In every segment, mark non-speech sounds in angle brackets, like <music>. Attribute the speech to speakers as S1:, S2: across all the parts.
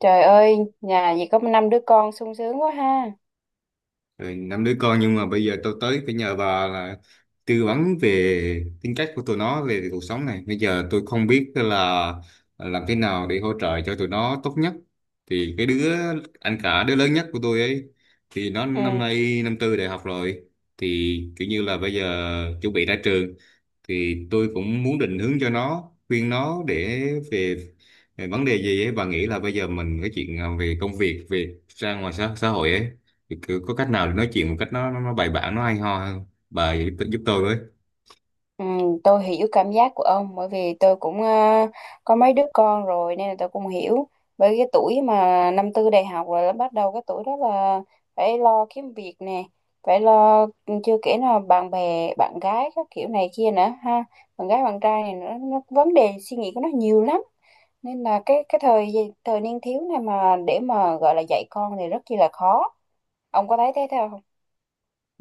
S1: Trời ơi, nhà gì có năm đứa con sung sướng quá ha.
S2: Rồi, năm đứa con nhưng mà bây giờ tôi tới phải nhờ bà là tư vấn về tính cách của tụi nó về cuộc sống này. Bây giờ tôi không biết là làm thế nào để hỗ trợ cho tụi nó tốt nhất. Thì cái đứa anh cả, đứa lớn nhất của tôi ấy, thì nó
S1: Ừ,
S2: năm nay năm tư đại học rồi, thì kiểu như là bây giờ chuẩn bị ra trường, thì tôi cũng muốn định hướng cho nó, khuyên nó để về, về vấn đề gì ấy bà nghĩ là bây giờ mình cái chuyện về công việc, về ra ngoài xã hội ấy, thì cứ có cách nào để nói chuyện một cách nó bài bản, nó hay ho hơn. Bà giúp tôi với.
S1: ừ, tôi hiểu cảm giác của ông bởi vì tôi cũng có mấy đứa con rồi nên là tôi cũng hiểu. Bởi cái tuổi mà năm tư đại học rồi là bắt đầu cái tuổi đó là phải lo kiếm việc nè, phải lo ừ, chưa kể là bạn bè, bạn gái các kiểu này kia nữa ha. Bạn gái bạn trai này nữa, nó vấn đề suy nghĩ của nó nhiều lắm. Nên là cái thời thời niên thiếu này mà để mà gọi là dạy con thì rất chi là khó. Ông có thấy thế theo không?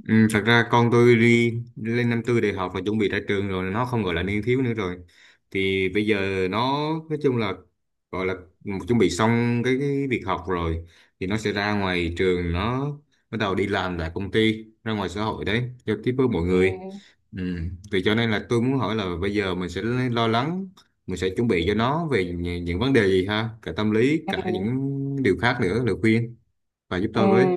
S2: Ừ, thật ra con tôi đi lên năm tư đại học và chuẩn bị ra trường rồi, nó không gọi là niên thiếu nữa rồi. Thì bây giờ nó, nói chung là, gọi là chuẩn bị xong cái việc học rồi, thì nó sẽ ra ngoài trường, nó bắt đầu đi làm tại công ty, ra ngoài xã hội đấy, giao tiếp với mọi
S1: Ừ.
S2: người, ừ. Thì cho nên là tôi muốn hỏi là bây giờ mình sẽ lo lắng, mình sẽ chuẩn bị cho nó về những vấn đề gì, ha, cả tâm lý cả
S1: Ừ.
S2: những điều khác nữa, lời khuyên, và giúp tôi với.
S1: Ừ.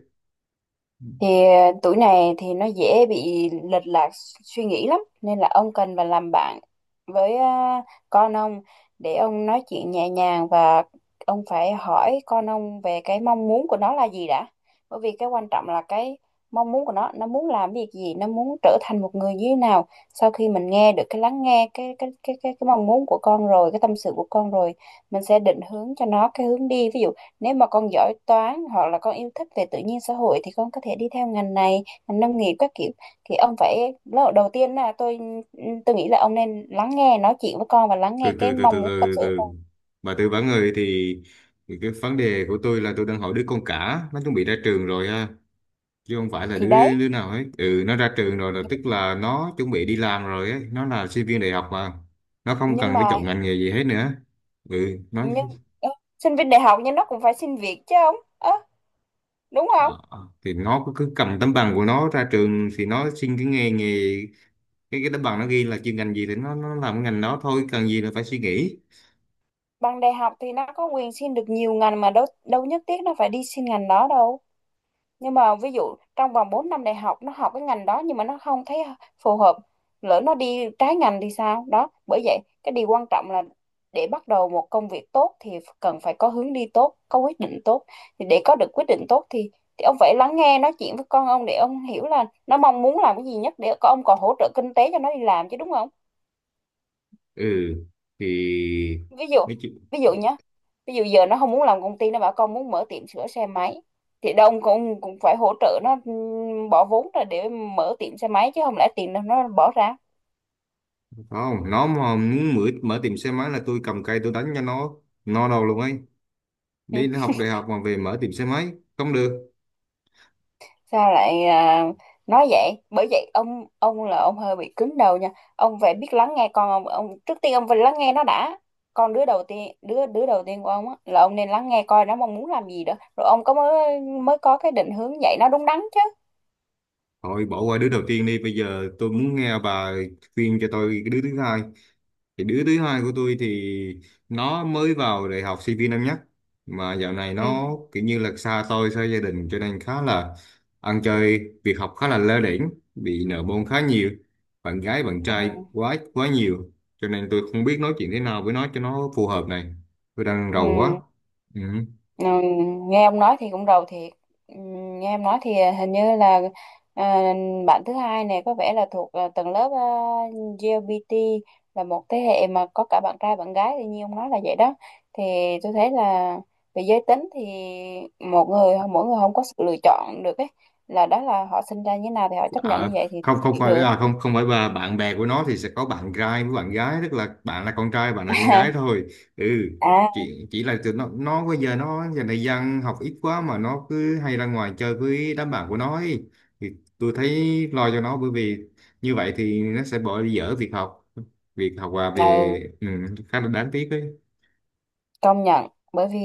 S1: Thì tuổi này thì nó dễ bị lệch lạc suy nghĩ lắm nên là ông cần phải làm bạn với con ông để ông nói chuyện nhẹ nhàng và ông phải hỏi con ông về cái mong muốn của nó là gì đã, bởi vì cái quan trọng là cái mong muốn của nó muốn làm việc gì, nó muốn trở thành một người như thế nào. Sau khi mình nghe được cái lắng nghe cái mong muốn của con rồi, cái tâm sự của con rồi, mình sẽ định hướng cho nó cái hướng đi. Ví dụ nếu mà con giỏi toán hoặc là con yêu thích về tự nhiên xã hội thì con có thể đi theo ngành này, ngành nông nghiệp các kiểu. Thì ông phải lúc đầu tiên là tôi nghĩ là ông nên lắng nghe nói chuyện với con và lắng
S2: Từ
S1: nghe cái
S2: từ từ
S1: mong
S2: từ
S1: muốn tâm
S2: từ
S1: sự
S2: từ,
S1: của con.
S2: bà tư vấn người thì cái vấn đề của tôi là tôi đang hỏi đứa con cả, nó chuẩn bị ra trường rồi ha, chứ không phải là
S1: Thì
S2: đứa
S1: đấy,
S2: đứa nào hết. Ừ nó ra trường rồi là tức là nó chuẩn bị đi làm rồi ấy, nó là sinh viên đại học mà, nó không
S1: nhưng
S2: cần phải
S1: mà
S2: chọn ngành nghề gì hết nữa. Ừ nó
S1: nhưng ơ, sinh viên đại học nhưng nó cũng phải xin việc chứ ông. Đúng không?
S2: ờ, thì nó cứ cứ cầm tấm bằng của nó ra trường, thì nó xin cái nghề nghề, cái tấm bằng nó ghi là chuyên ngành gì thì nó làm cái ngành đó thôi, cần gì là phải suy nghĩ.
S1: Bằng đại học thì nó có quyền xin được nhiều ngành mà, đâu đâu nhất thiết nó phải đi xin ngành đó đâu. Nhưng mà ví dụ trong vòng 4 năm đại học nó học cái ngành đó nhưng mà nó không thấy phù hợp, lỡ nó đi trái ngành thì sao? Đó bởi vậy cái điều quan trọng là để bắt đầu một công việc tốt thì cần phải có hướng đi tốt, có quyết định tốt. Thì để có được quyết định tốt thì ông phải lắng nghe nói chuyện với con ông để ông hiểu là nó mong muốn làm cái gì nhất, để con ông còn hỗ trợ kinh tế cho nó đi làm chứ, đúng không?
S2: Ừ thì
S1: Ví dụ, ví dụ nhé, ví dụ giờ nó không muốn làm công ty, nó bảo con muốn mở tiệm sửa xe máy thì đông cũng cũng phải hỗ trợ nó, bỏ vốn ra để mở tiệm xe máy chứ không lẽ tiền nó bỏ ra.
S2: không, nó mà muốn mở mở tiệm xe máy là tôi cầm cây tôi đánh cho nó no đầu luôn ấy.
S1: Ừ.
S2: Đi học đại học mà về mở tiệm xe máy không được.
S1: Sao lại nói vậy? Bởi vậy ông là ông hơi bị cứng đầu nha. Ông phải biết lắng nghe con ông trước tiên ông phải lắng nghe nó đã. Con đứa đầu tiên, đứa đứa đầu tiên của ông á, là ông nên lắng nghe coi nó mong muốn làm gì đó, rồi ông có mới mới có cái định hướng dạy nó đúng đắn chứ.
S2: Thôi bỏ qua đứa đầu tiên đi, bây giờ tôi muốn nghe bà khuyên cho tôi cái đứa thứ hai. Thì đứa thứ hai của tôi thì nó mới vào đại học, sinh viên năm nhất, mà dạo này
S1: Ừ.
S2: nó kiểu như là xa tôi, xa gia đình, cho nên khá là ăn chơi, việc học khá là lơ đễnh, bị nợ môn khá nhiều, bạn gái bạn trai quá quá nhiều, cho nên tôi không biết nói chuyện thế nào với nó cho nó phù hợp này. Tôi đang
S1: Ừ.
S2: rầu quá, ừ.
S1: Ừ, nghe ông nói thì cũng rầu thiệt. Ừ, nghe em nói thì hình như là à, bạn thứ hai này có vẻ là thuộc tầng lớp LGBT, là một thế hệ mà có cả bạn trai bạn gái thì như ông nói là vậy đó. Thì tôi thấy là về giới tính thì một người mỗi người không có sự lựa chọn được ấy, là đó là họ sinh ra như thế nào thì họ chấp nhận
S2: À,
S1: như vậy thì
S2: không không
S1: hiểu
S2: phải
S1: được.
S2: không không phải bà, bạn bè của nó thì sẽ có bạn trai với bạn gái, tức là bạn là con trai, bạn là con gái
S1: <laughs>
S2: thôi. Ừ,
S1: À,
S2: chỉ là tụi nó bây giờ nó giờ này dân học ít quá mà nó cứ hay ra ngoài chơi với đám bạn của nó ấy. Thì tôi thấy lo cho nó, bởi vì như vậy thì nó sẽ bỏ dở việc học, việc học và về,
S1: ừ,
S2: ừ, khá là đáng tiếc ấy.
S1: công nhận. Bởi vì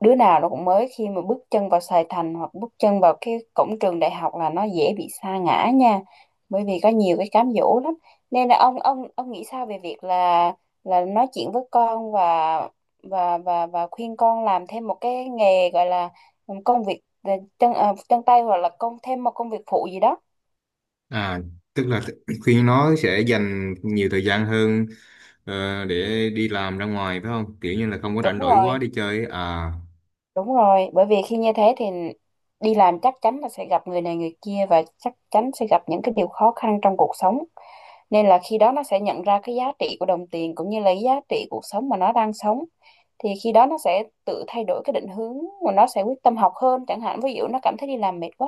S1: đứa nào nó cũng mới khi mà bước chân vào Sài Thành hoặc bước chân vào cái cổng trường đại học là nó dễ bị sa ngã nha, bởi vì có nhiều cái cám dỗ lắm. Nên là ông nghĩ sao về việc là nói chuyện với con và và khuyên con làm thêm một cái nghề, gọi là công việc chân chân tay, hoặc là công thêm một công việc phụ gì đó.
S2: À, tức là khi <clears throat> nó sẽ dành nhiều thời gian hơn, để đi làm ra ngoài phải không? Kiểu như là không có rảnh
S1: Đúng
S2: rỗi
S1: rồi,
S2: quá đi chơi ấy,
S1: đúng rồi, bởi vì khi như thế thì đi làm chắc chắn là sẽ gặp người này người kia, và chắc chắn sẽ gặp những cái điều khó khăn trong cuộc sống. Nên là khi đó nó sẽ nhận ra cái giá trị của đồng tiền, cũng như là cái giá trị cuộc sống mà nó đang sống. Thì khi đó nó sẽ tự thay đổi cái định hướng, mà nó sẽ quyết tâm học hơn chẳng hạn. Ví dụ nó cảm thấy đi làm mệt quá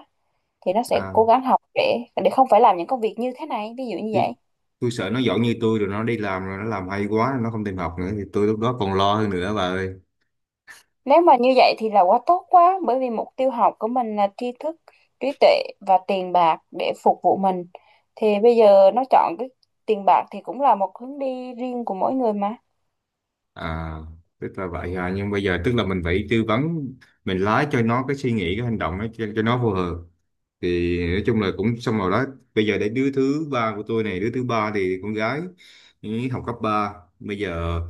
S1: thì nó sẽ cố
S2: à
S1: gắng học để không phải làm những công việc như thế này, ví dụ như
S2: tôi,
S1: vậy.
S2: tôi sợ nó giỏi như tôi rồi nó đi làm rồi nó làm hay quá nó không tìm học nữa, thì tôi lúc đó còn lo hơn nữa bà ơi.
S1: Nếu mà như vậy thì là quá tốt quá, bởi vì mục tiêu học của mình là tri thức, trí tuệ và tiền bạc để phục vụ mình. Thì bây giờ nó chọn cái tiền bạc thì cũng là một hướng đi riêng của mỗi người mà.
S2: À tức là vậy à, nhưng bây giờ tức là mình phải tư vấn, mình lái cho nó cái suy nghĩ, cái hành động nó cho nó phù hợp. Thì nói chung là cũng xong rồi đó. Bây giờ đến đứa thứ ba của tôi này, đứa thứ ba thì con gái, ý, học cấp ba. Bây giờ,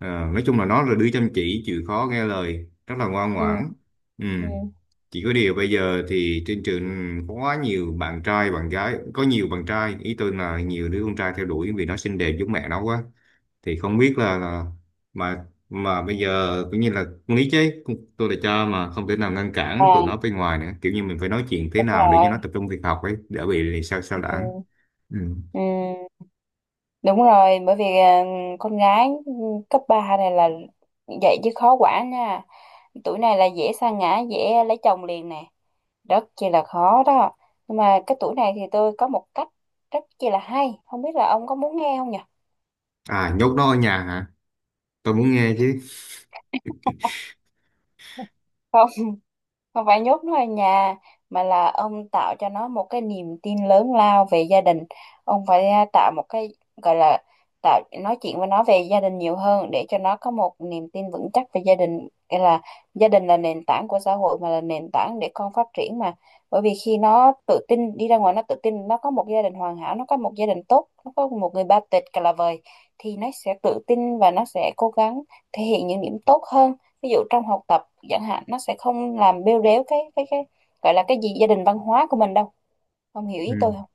S2: à, nói chung là nó là đứa chăm chỉ, chịu khó, nghe lời, rất là ngoan
S1: Ừ.
S2: ngoãn, ừ.
S1: Ừ.
S2: Chỉ có điều bây giờ thì trên trường có quá nhiều bạn trai bạn gái, có nhiều bạn trai, ý tôi là nhiều đứa con trai theo đuổi vì nó xinh đẹp giống mẹ nó quá. Thì không biết là mà bây giờ cũng như là con lý chứ con- tôi là cho mà không thể nào ngăn cản tụi
S1: À,
S2: nó bên ngoài nữa, kiểu như mình phải nói chuyện thế
S1: đúng
S2: nào để cho
S1: rồi.
S2: nó tập trung việc học ấy, đỡ bị sao sao lãng.
S1: Ừ.
S2: Ừ.
S1: Ừ. Đúng rồi, bởi vì con gái ừ, cấp 3 này là vậy chứ khó quản nha. Tuổi này là dễ sa ngã, dễ lấy chồng liền nè. Rất chi là khó đó. Nhưng mà cái tuổi này thì tôi có một cách rất chi là hay. Không biết là ông có muốn nghe không nhỉ?
S2: À, nhốt nó ở nhà hả? Tôi muốn nghe chứ.
S1: Không, không phải nhốt nó ở nhà, mà là ông tạo cho nó một cái niềm tin lớn lao về gia đình. Ông phải tạo một cái gọi là tạo nói chuyện với nó về gia đình nhiều hơn, để cho nó có một niềm tin vững chắc về gia đình. Nghĩa là gia đình là nền tảng của xã hội mà, là nền tảng để con phát triển mà. Bởi vì khi nó tự tin đi ra ngoài, nó tự tin nó có một gia đình hoàn hảo, nó có một gia đình tốt, nó có một người ba tịch cả là vời, thì nó sẽ tự tin và nó sẽ cố gắng thể hiện những điểm tốt hơn. Ví dụ trong học tập chẳng hạn, nó sẽ không làm bêu rếu cái gọi là cái gì gia đình văn hóa của mình đâu. Không hiểu
S2: Ừ.
S1: ý tôi không?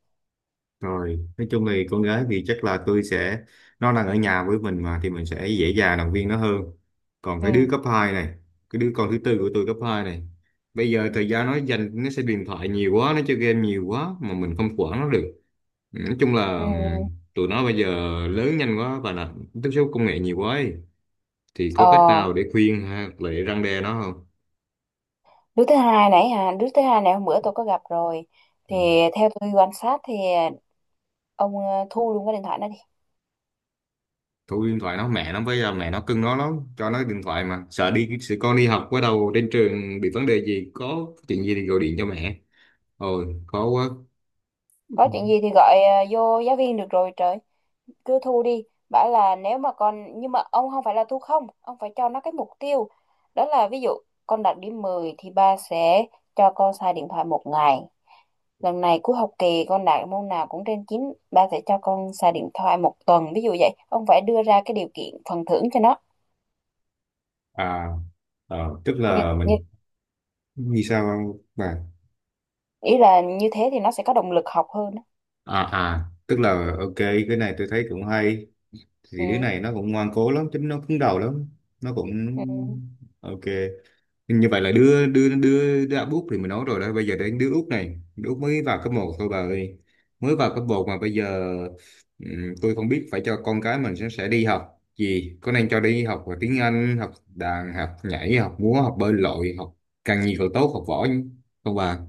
S2: Rồi, nói chung thì con gái thì chắc là tôi sẽ, nó đang ở nhà với mình mà, thì mình sẽ dễ dàng động viên nó hơn. Còn cái đứa
S1: Ừ.
S2: cấp 2 này, cái đứa con thứ tư của tôi, cấp 2 này, bây giờ thời gian nó dành, nó sẽ điện thoại nhiều quá, nó chơi game nhiều quá mà mình không quản nó được. Nói chung là, ừ,
S1: Ừ.
S2: tụi nó bây giờ lớn nhanh quá và là tiếp xúc công nghệ nhiều quá ấy. Thì
S1: ờ
S2: có cách nào để khuyên ha, để răn đe nó không?
S1: đứa thứ hai nãy hả, đứa thứ hai này hôm bữa tôi có gặp rồi.
S2: Ừ.
S1: Thì theo tôi quan sát thì ông thu luôn cái điện thoại nó đi.
S2: Thu điện thoại nó, mẹ nó bây giờ mẹ nó cưng nó lắm, cho nó điện thoại mà sợ đi, sợ con đi học, bắt đầu trên trường bị vấn đề gì, có chuyện gì thì gọi điện cho mẹ. Ôi khó quá.
S1: Có chuyện gì thì gọi vô giáo viên được rồi trời. Cứ thu đi, bảo là nếu mà con, nhưng mà ông không phải là thu không, ông phải cho nó cái mục tiêu. Đó là ví dụ con đạt điểm 10 thì ba sẽ cho con xài điện thoại một ngày. Lần này cuối học kỳ con đạt môn nào cũng trên chín, ba sẽ cho con xài điện thoại một tuần, ví dụ vậy. Ông phải đưa ra cái điều kiện phần thưởng cho nó.
S2: À. Tức
S1: Như,
S2: là
S1: như
S2: mình, vì sao không bà?
S1: ý là như thế thì nó sẽ có động lực học hơn á.
S2: Tức là ok, cái này tôi thấy cũng hay. Thì đứa
S1: Ừ.
S2: này nó cũng ngoan cố lắm, tính nó cứng đầu lắm. Nó cũng
S1: Ừ.
S2: ok. Nhưng như vậy là đưa đưa đưa đứa Úc thì mình nói rồi đó, bây giờ đến đứa Úc này, đứa Úc mới vào cấp 1 thôi bà ơi. Mới vào cấp 1 mà bây giờ, tôi không biết phải cho con cái mình sẽ đi học gì, có nên cho đi học về tiếng Anh, học đàn, học nhảy, học múa, học bơi lội, học càng nhiều càng tốt, học võ không bà?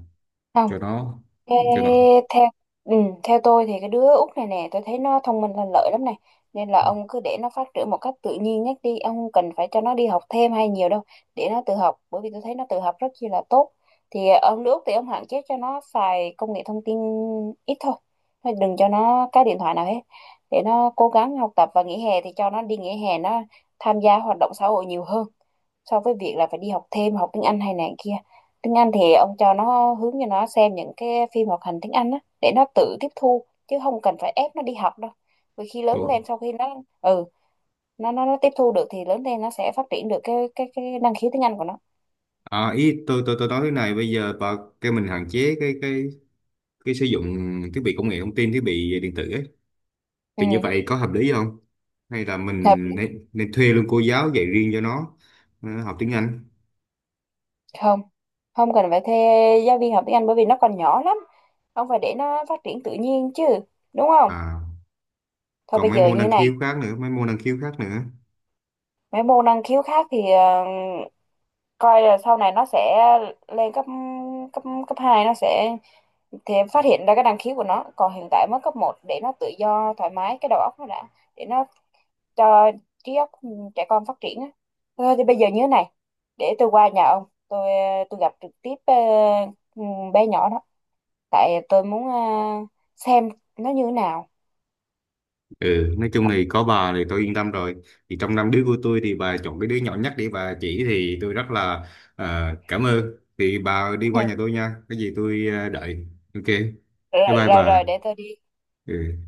S1: Không.
S2: Cho nó
S1: Ê,
S2: cho nó
S1: theo ừ, theo tôi thì cái đứa út này nè tôi thấy nó thông minh lanh lợi lắm này. Nên là ông cứ để nó phát triển một cách tự nhiên nhất đi, ông không cần phải cho nó đi học thêm hay nhiều đâu, để nó tự học. Bởi vì tôi thấy nó tự học rất chi là tốt. Thì ông đứa út thì ông hạn chế cho nó xài công nghệ thông tin, ít thôi. Thôi đừng cho nó cái điện thoại nào hết, để nó cố gắng học tập. Và nghỉ hè thì cho nó đi nghỉ hè, nó tham gia hoạt động xã hội nhiều hơn, so với việc là phải đi học thêm, học tiếng Anh hay này kia. Tiếng Anh thì ông cho nó hướng, cho nó xem những cái phim hoạt hình tiếng Anh á, để nó tự tiếp thu chứ không cần phải ép nó đi học đâu. Vì khi lớn
S2: tôi
S1: lên sau khi nó ừ nó tiếp thu được thì lớn lên nó sẽ phát triển được cái năng khiếu tiếng Anh của nó.
S2: À, ý tôi nói thế này, bây giờ bà kêu mình hạn chế cái sử dụng thiết bị công nghệ thông tin, thiết bị điện tử ấy.
S1: Ừ,
S2: Thì như vậy có hợp lý không? Hay là
S1: hợp lý.
S2: mình nên thuê luôn cô giáo dạy riêng cho nó, học tiếng Anh?
S1: Không, không cần phải thuê giáo viên học tiếng Anh, bởi vì nó còn nhỏ lắm. Ông phải để nó phát triển tự nhiên chứ, đúng không?
S2: À,
S1: Thôi
S2: còn
S1: bây
S2: mấy
S1: giờ
S2: môn
S1: như
S2: năng
S1: này,
S2: khiếu khác nữa, mấy môn năng khiếu khác nữa.
S1: mấy môn năng khiếu khác thì coi là sau này nó sẽ lên cấp, cấp hai nó sẽ thì em phát hiện ra cái năng khiếu của nó. Còn hiện tại mới cấp một, để nó tự do thoải mái cái đầu óc nó đã, để nó cho trí óc trẻ con phát triển á. Thôi thì bây giờ như thế này, để tôi qua nhà ông, tôi gặp trực tiếp ừ, bé nhỏ đó. Tại tôi muốn xem nó như thế nào.
S2: Ừ, nói chung thì có bà thì tôi yên tâm rồi. Thì trong năm đứa của tôi thì bà chọn cái đứa nhỏ nhất để bà chỉ, thì tôi rất là, cảm ơn. Thì bà đi qua nhà tôi
S1: <laughs>
S2: nha, cái gì tôi, đợi. Ok, bye.
S1: Rồi
S2: Bye
S1: rồi
S2: bà.
S1: rồi, để tôi đi.
S2: Ừ.